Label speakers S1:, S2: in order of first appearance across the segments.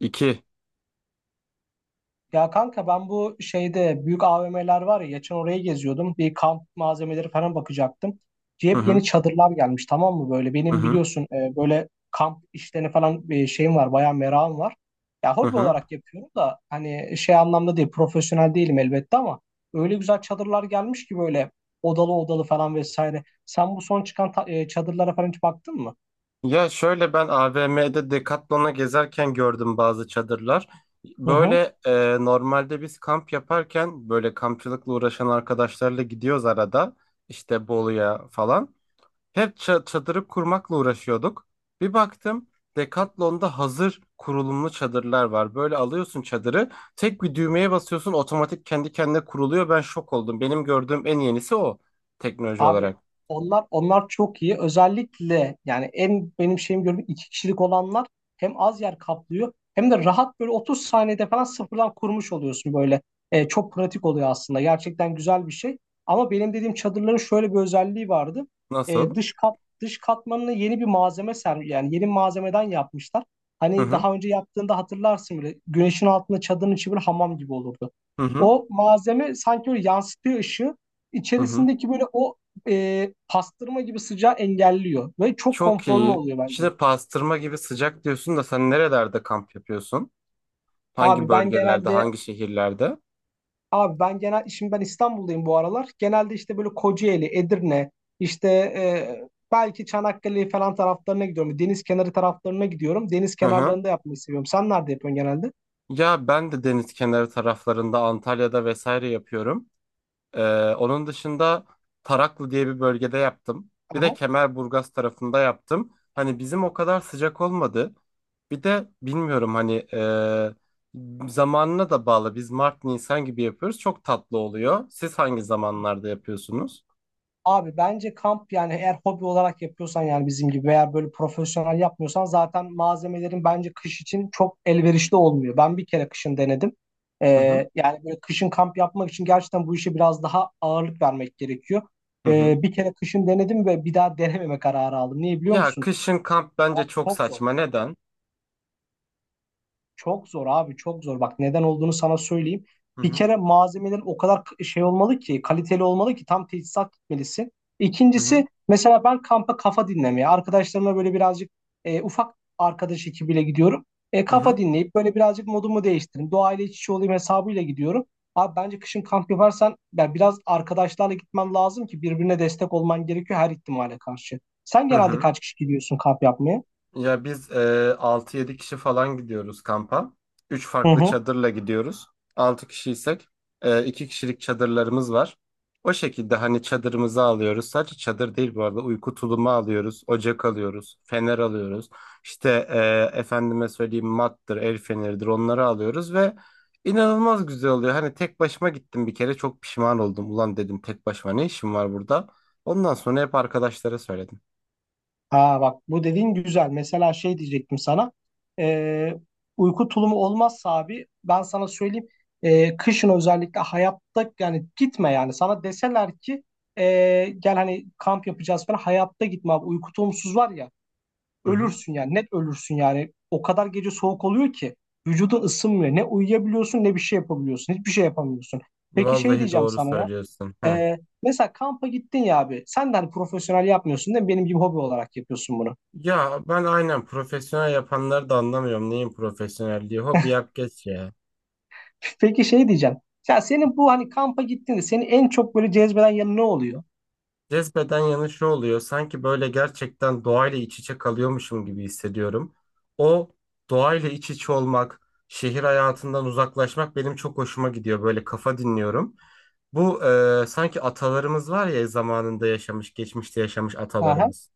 S1: İki.
S2: Ya kanka ben bu şeyde büyük AVM'ler var ya, geçen oraya geziyordum. Bir kamp malzemeleri falan bakacaktım.
S1: Hı
S2: Hep
S1: hı.
S2: yeni çadırlar gelmiş, tamam mı böyle?
S1: Hı
S2: Benim
S1: hı.
S2: biliyorsun böyle kamp işlerini falan, şeyim var, bayağı merakım var. Ya
S1: Hı
S2: hobi
S1: hı.
S2: olarak yapıyorum da hani şey anlamda değil, profesyonel değilim elbette, ama öyle güzel çadırlar gelmiş ki böyle odalı odalı falan vesaire. Sen bu son çıkan çadırlara falan hiç baktın mı?
S1: Ya şöyle ben AVM'de Decathlon'a gezerken gördüm bazı çadırlar.
S2: Hı hı.
S1: Normalde biz kamp yaparken böyle kampçılıkla uğraşan arkadaşlarla gidiyoruz arada. İşte Bolu'ya falan. Hep çadırı kurmakla uğraşıyorduk. Bir baktım Decathlon'da hazır kurulumlu çadırlar var. Böyle alıyorsun çadırı, tek bir düğmeye basıyorsun, otomatik kendi kendine kuruluyor. Ben şok oldum. Benim gördüğüm en yenisi o, teknoloji
S2: Abi
S1: olarak.
S2: onlar çok iyi. Özellikle yani en benim şeyim gördüğüm iki kişilik olanlar hem az yer kaplıyor hem de rahat, böyle 30 saniyede falan sıfırdan kurmuş oluyorsun böyle. Çok pratik oluyor aslında. Gerçekten güzel bir şey. Ama benim dediğim çadırların şöyle bir özelliği vardı.
S1: Nasıl?
S2: Dış katmanını yeni bir malzeme sermiş, yani yeni malzemeden yapmışlar.
S1: Hı
S2: Hani
S1: hı.
S2: daha önce yaptığında hatırlarsın, böyle güneşin altında çadırın içi bir hamam gibi olurdu.
S1: Hı hı,
S2: O malzeme sanki böyle yansıtıyor ışığı,
S1: hı hı.
S2: içerisindeki böyle o pastırma gibi sıcağı engelliyor ve çok
S1: Çok
S2: konforlu
S1: iyi.
S2: oluyor bence.
S1: Şimdi pastırma gibi sıcak diyorsun da sen nerelerde kamp yapıyorsun? Hangi
S2: Abi ben
S1: bölgelerde,
S2: genelde
S1: hangi şehirlerde?
S2: abi ben genel şimdi ben İstanbul'dayım bu aralar. Genelde işte böyle Kocaeli, Edirne, belki Çanakkale falan taraflarına gidiyorum. Deniz kenarı taraflarına gidiyorum. Deniz
S1: Hı hı.
S2: kenarlarında yapmayı seviyorum. Sen nerede yapıyorsun genelde?
S1: Ya ben de deniz kenarı taraflarında Antalya'da vesaire yapıyorum. Ee, Onun dışında Taraklı diye bir bölgede yaptım. Bir de Kemerburgaz tarafında yaptım. Hani bizim o kadar sıcak olmadı. Bir de bilmiyorum zamanına da bağlı. Biz Mart, Nisan gibi yapıyoruz. Çok tatlı oluyor. Siz hangi zamanlarda yapıyorsunuz?
S2: Abi bence kamp, yani eğer hobi olarak yapıyorsan, yani bizim gibi veya böyle profesyonel yapmıyorsan, zaten malzemelerin bence kış için çok elverişli olmuyor. Ben bir kere kışın denedim.
S1: Hı hı.
S2: Yani böyle kışın kamp yapmak için gerçekten bu işe biraz daha ağırlık vermek gerekiyor.
S1: Hı hı.
S2: Bir kere kışın denedim ve bir daha denememe kararı aldım. Niye biliyor
S1: Ya
S2: musun?
S1: kışın kamp bence
S2: Abi
S1: çok
S2: çok zor.
S1: saçma. Neden?
S2: Çok zor abi, çok zor. Bak neden olduğunu sana söyleyeyim.
S1: Hı
S2: Bir
S1: hı.
S2: kere malzemelerin o kadar şey olmalı ki, kaliteli olmalı ki, tam tesisat gitmelisin.
S1: Hı hı.
S2: İkincisi, mesela ben kampa kafa dinlemeye arkadaşlarımla böyle birazcık, ufak arkadaş ekibiyle gidiyorum.
S1: Hı
S2: Kafa
S1: hı.
S2: dinleyip böyle birazcık modumu değiştireyim, doğayla iç içe olayım hesabıyla gidiyorum. Abi bence kışın kamp yaparsan ya biraz arkadaşlarla gitmen lazım ki birbirine destek olman gerekiyor her ihtimale karşı. Sen
S1: Hı
S2: genelde
S1: hı.
S2: kaç kişi gidiyorsun kamp yapmaya?
S1: Ya biz e, 6-7 kişi falan gidiyoruz kampa. Üç
S2: Hı
S1: farklı
S2: hı.
S1: çadırla gidiyoruz. 6 kişiysek 2 kişilik çadırlarımız var. O şekilde hani çadırımızı alıyoruz. Sadece çadır değil, bu arada uyku tulumu alıyoruz. Ocak alıyoruz. Fener alıyoruz. Efendime söyleyeyim, mattır, el feneridir, onları alıyoruz ve inanılmaz güzel oluyor. Hani tek başıma gittim bir kere, çok pişman oldum. Ulan dedim, tek başıma ne işim var burada? Ondan sonra hep arkadaşlara söyledim.
S2: Ha bak, bu dediğin güzel. Mesela şey diyecektim sana. Ee, Uyku tulumu olmazsa abi ben sana söyleyeyim. Kışın özellikle hayatta yani gitme yani. Sana deseler ki gel hani kamp yapacağız falan, hayatta gitme abi. Uyku tulumsuz var ya, ölürsün yani, net ölürsün yani. O kadar gece soğuk oluyor ki vücudun ısınmıyor. Ne uyuyabiliyorsun ne bir şey yapabiliyorsun. Hiçbir şey yapamıyorsun. Peki şey
S1: Vallahi
S2: diyeceğim
S1: doğru
S2: sana ya.
S1: söylüyorsun. Heh.
S2: Ee, Mesela kampa gittin ya abi. Sen de hani profesyonel yapmıyorsun, değil mi? Benim gibi hobi olarak yapıyorsun bunu.
S1: Ya ben aynen profesyonel yapanları da anlamıyorum. Neyin profesyonelliği? Hobi yap geç ya.
S2: Peki şey diyeceğim. Ya senin bu hani kampa gittiğinde seni en çok böyle cezbeden yanı ne oluyor?
S1: Cezbeden yanı şu oluyor. Sanki böyle gerçekten doğayla iç içe kalıyormuşum gibi hissediyorum. O doğayla iç içe olmak, şehir hayatından uzaklaşmak benim çok hoşuma gidiyor. Böyle kafa dinliyorum. Bu Sanki atalarımız var ya, zamanında yaşamış, geçmişte yaşamış
S2: Aha.
S1: atalarımız.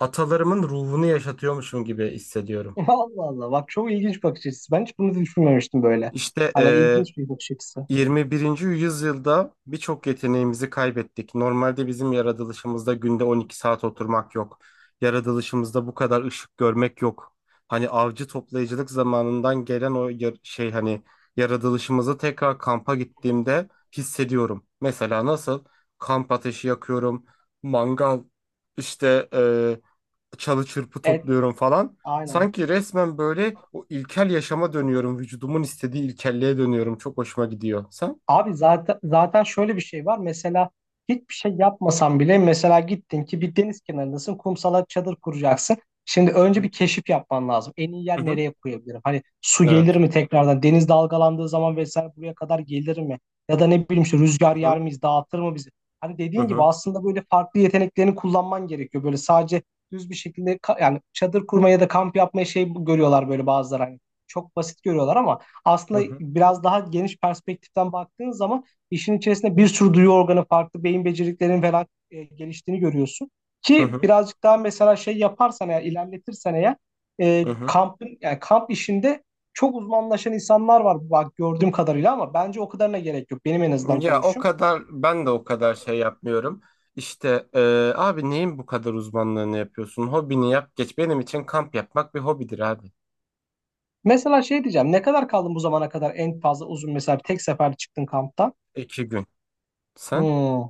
S1: Atalarımın ruhunu yaşatıyormuşum gibi hissediyorum.
S2: Allah Allah. Bak çok ilginç bakış açısı. Ben hiç bunu da düşünmemiştim böyle.
S1: İşte
S2: Hani
S1: eee,
S2: ilginç bir bakış açısı.
S1: 21. yüzyılda birçok yeteneğimizi kaybettik. Normalde bizim yaratılışımızda günde 12 saat oturmak yok. Yaratılışımızda bu kadar ışık görmek yok. Hani avcı toplayıcılık zamanından gelen o yar- şey hani yaratılışımızı tekrar kampa gittiğimde hissediyorum. Mesela nasıl? Kamp ateşi yakıyorum, mangal, işte çalı çırpı
S2: Evet.
S1: topluyorum falan.
S2: Aynen.
S1: Sanki resmen böyle o ilkel yaşama dönüyorum. Vücudumun istediği ilkelliğe dönüyorum. Çok hoşuma gidiyor. Sen?
S2: Abi zaten şöyle bir şey var. Mesela hiçbir şey yapmasan bile, mesela gittin ki bir deniz kenarındasın. Kumsala çadır kuracaksın. Şimdi
S1: Hı
S2: önce
S1: hı.
S2: bir keşif yapman lazım. En iyi
S1: Hı
S2: yer,
S1: hı,
S2: nereye koyabilirim? Hani su gelir
S1: evet.
S2: mi tekrardan? Deniz dalgalandığı zaman vesaire buraya kadar gelir mi? Ya da ne bileyim, işte rüzgar
S1: Hı
S2: yer
S1: hı.
S2: miyiz? Dağıtır mı bizi? Hani
S1: Hı
S2: dediğin gibi
S1: hı.
S2: aslında böyle farklı yeteneklerini kullanman gerekiyor. Böyle sadece düz bir şekilde yani çadır kurmaya da kamp yapmaya şey görüyorlar böyle bazıları hani. Çok basit görüyorlar ama
S1: Hı
S2: aslında
S1: hı.
S2: biraz daha geniş perspektiften baktığın zaman işin içerisinde bir sürü duyu organı, farklı beyin becerilerinin falan geliştiğini görüyorsun.
S1: Hı
S2: Ki
S1: hı.
S2: birazcık daha mesela şey yaparsan, eğer ilerletirsen eğer,
S1: Hı. Hı.
S2: kampın yani kamp işinde çok uzmanlaşan insanlar var bak, gördüğüm kadarıyla, ama bence o kadarına gerek yok. Benim en azından
S1: Ya o
S2: görüşüm.
S1: kadar, ben de o kadar şey yapmıyorum. İşte e, Abi neyin bu kadar uzmanlığını yapıyorsun? Hobini yap geç. Benim için kamp yapmak bir hobidir abi.
S2: Mesela şey diyeceğim, ne kadar kaldın bu zamana kadar, en fazla uzun, mesela tek sefer çıktın kamptan?
S1: İki gün. Sen?
S2: Hmm.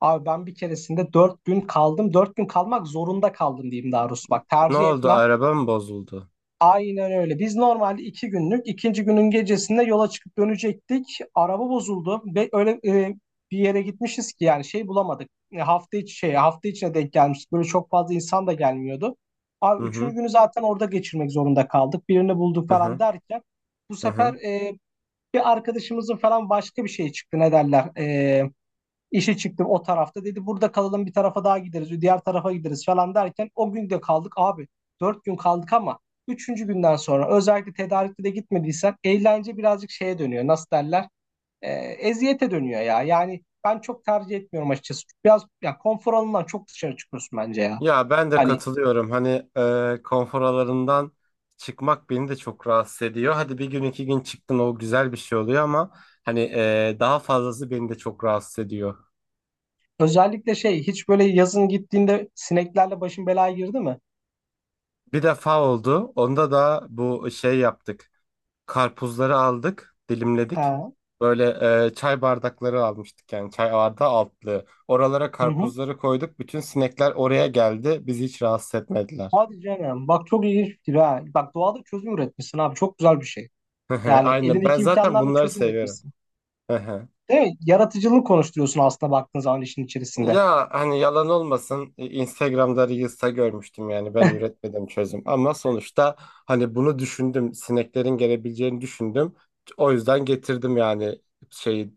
S2: Abi ben bir keresinde 4 gün kaldım. 4 gün kalmak zorunda kaldım diyeyim daha doğrusu. Bak
S1: Ne
S2: tercih
S1: oldu?
S2: etmem.
S1: Araba mı bozuldu?
S2: Aynen öyle. Biz normalde 2 günlük, ikinci günün gecesinde yola çıkıp dönecektik. Araba bozuldu ve öyle bir yere gitmişiz ki yani şey bulamadık. Hafta içi şey, hafta içine denk gelmiştik. Böyle çok fazla insan da gelmiyordu.
S1: Hı
S2: Abi üçüncü
S1: hı.
S2: günü zaten orada geçirmek zorunda kaldık. Birini bulduk
S1: Hı
S2: falan
S1: hı.
S2: derken bu
S1: Hı
S2: sefer
S1: hı.
S2: bir arkadaşımızın falan başka bir şey çıktı. Ne derler? İşe çıktım o tarafta. Dedi burada kalalım, bir tarafa daha gideriz. Diğer tarafa gideriz falan derken o gün de kaldık abi. 4 gün kaldık ama üçüncü günden sonra, özellikle tedarikli de gitmediysen, eğlence birazcık şeye dönüyor. Nasıl derler? Eziyete dönüyor ya. Yani ben çok tercih etmiyorum açıkçası. Biraz ya konfor alanından çok dışarı çıkıyorsun bence ya.
S1: Ya ben de
S2: Hani
S1: katılıyorum. Konfor alanından çıkmak beni de çok rahatsız ediyor. Hadi bir gün iki gün çıktın, o güzel bir şey oluyor ama daha fazlası beni de çok rahatsız ediyor.
S2: özellikle şey, hiç böyle yazın gittiğinde sineklerle başın belaya girdi mi?
S1: Bir defa oldu. Onda da bu şey yaptık. Karpuzları aldık, dilimledik.
S2: Ha.
S1: Böyle Çay bardakları almıştık, yani çay bardağı altlığı. Oralara
S2: Hı hı.
S1: karpuzları koyduk. Bütün sinekler oraya geldi. Bizi hiç rahatsız etmediler.
S2: Hadi canım. Bak çok ilginç fikir ha. Bak doğada çözüm üretmişsin abi. Çok güzel bir şey. Yani
S1: Aynen. Ben
S2: elindeki
S1: zaten
S2: imkanlarla
S1: bunları
S2: çözüm
S1: seviyorum.
S2: üretmişsin. Değil mi? Yaratıcılık konuşturuyorsun aslında, baktığın zaman işin içerisinde.
S1: Ya hani yalan olmasın, Instagram'da Reels'ta görmüştüm, yani ben üretmedim çözüm ama sonuçta hani bunu düşündüm, sineklerin gelebileceğini düşündüm, o yüzden getirdim yani şeyi,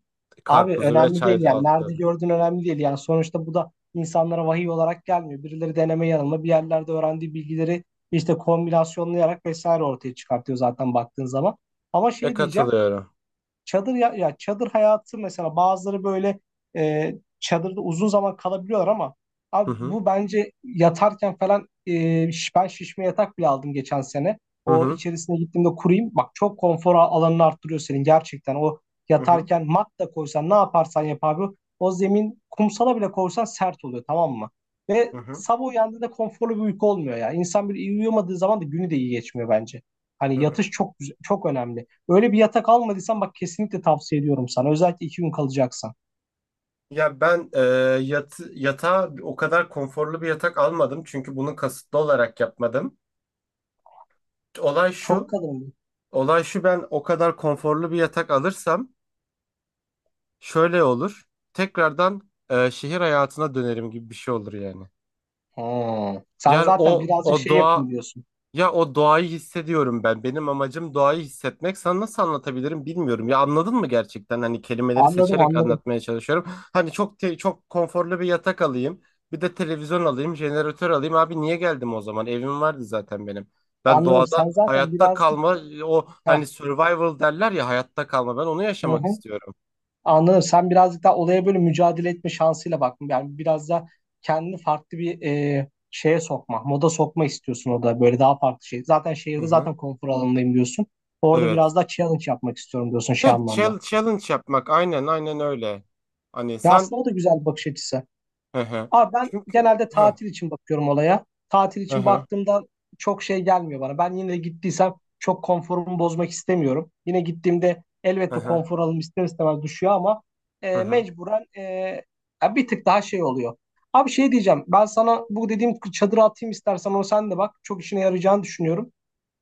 S2: Abi
S1: karpuzu ve
S2: önemli
S1: çay
S2: değil yani. Nerede
S1: altları.
S2: gördüğün önemli değil. Yani sonuçta bu da insanlara vahiy olarak gelmiyor. Birileri deneme yanılma bir yerlerde öğrendiği bilgileri işte kombinasyonlayarak vesaire ortaya çıkartıyor zaten, baktığın zaman. Ama
S1: E
S2: şey diyeceğim.
S1: katılıyorum.
S2: Çadır ya, ya çadır hayatı, mesela bazıları böyle e, çadırda uzun zaman kalabiliyorlar ama
S1: Hı
S2: abi
S1: hı,
S2: bu bence yatarken falan ben şişme yatak bile aldım geçen sene.
S1: hı
S2: O,
S1: hı,
S2: içerisine gittiğimde kurayım. Bak çok konfor alanını arttırıyor senin, gerçekten. O
S1: hı hı,
S2: yatarken mat da koysan, ne yaparsan yap abi, o zemin kumsala bile koysan sert oluyor, tamam mı? Ve
S1: hı hı.
S2: sabah uyandığında konforlu bir uyku olmuyor ya. İnsan bir iyi uyuyamadığı zaman da günü de iyi geçmiyor bence. Hani
S1: Hı
S2: yatış
S1: hı.
S2: çok önemli. Öyle bir yatak almadıysan bak, kesinlikle tavsiye ediyorum sana. Özellikle 2 gün kalacaksan.
S1: Ya ben e, Yatağa o kadar konforlu bir yatak almadım çünkü bunu kasıtlı olarak yapmadım. Olay
S2: Çok
S1: şu,
S2: kalın.
S1: Olay şu, ben o kadar konforlu bir yatak alırsam şöyle olur. Tekrardan şehir hayatına dönerim gibi bir şey olur yani.
S2: Hmm. Sen
S1: Yani
S2: zaten
S1: o
S2: birazcık
S1: o
S2: şey
S1: doğa,
S2: yapayım diyorsun.
S1: ya o doğayı hissediyorum ben. Benim amacım doğayı hissetmek. Sana nasıl anlatabilirim bilmiyorum. Ya anladın mı gerçekten? Hani kelimeleri
S2: Anladım
S1: seçerek
S2: anladım.
S1: anlatmaya çalışıyorum. Hani çok konforlu bir yatak alayım. Bir de televizyon alayım, jeneratör alayım. Abi niye geldim o zaman? Evim vardı zaten benim. Ben
S2: Anladım.
S1: doğada
S2: Sen zaten
S1: hayatta
S2: birazcık.
S1: kalma, o
S2: Heh,
S1: hani survival derler ya, hayatta kalma. Ben onu
S2: hı
S1: yaşamak
S2: hı.
S1: istiyorum.
S2: Anladım. Sen birazcık daha olaya böyle mücadele etme şansıyla bak. Yani biraz da kendini farklı bir şeye sokma, moda sokma istiyorsun orada. Böyle daha farklı şey. Zaten
S1: Hı
S2: şehirde
S1: hı.
S2: zaten konfor alanındayım diyorsun. Orada
S1: Evet.
S2: biraz daha challenge yapmak istiyorum diyorsun, şey
S1: Heh,
S2: anlamda.
S1: challenge yapmak, aynen aynen öyle. Hani
S2: Ya
S1: sen,
S2: aslında o da güzel bir bakış açısı.
S1: hı hı.
S2: Abi ben
S1: Çünkü
S2: genelde
S1: hı
S2: tatil için bakıyorum olaya. Tatil
S1: hı,
S2: için
S1: hı
S2: baktığımda çok şey gelmiyor bana. Ben yine gittiysem çok konforumu bozmak istemiyorum. Yine gittiğimde
S1: hı,
S2: elbette
S1: hı.
S2: konfor alım ister istemez düşüyor ama
S1: Hı hı.
S2: mecburen, ya bir tık daha şey oluyor. Abi şey diyeceğim. Ben sana bu dediğim çadırı atayım, istersen onu sen de bak. Çok işine yarayacağını düşünüyorum.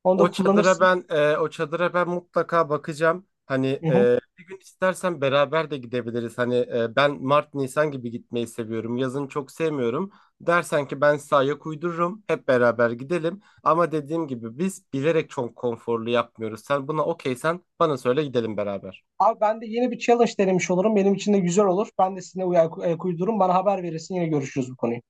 S2: Onu da
S1: O çadıra
S2: kullanırsın.
S1: ben, o çadıra ben mutlaka bakacağım.
S2: Hı hı.
S1: Bir gün istersen beraber de gidebiliriz. Ben Mart Nisan gibi gitmeyi seviyorum. Yazın çok sevmiyorum. Dersen ki ben size ayak uydururum, hep beraber gidelim. Ama dediğim gibi biz bilerek çok konforlu yapmıyoruz. Sen buna okeysen bana söyle, gidelim beraber.
S2: Abi ben de yeni bir challenge denemiş olurum. Benim için de güzel olur. Ben de sizinle ayak uydururum. Bana haber verirsin. Yine görüşürüz bu konuyu.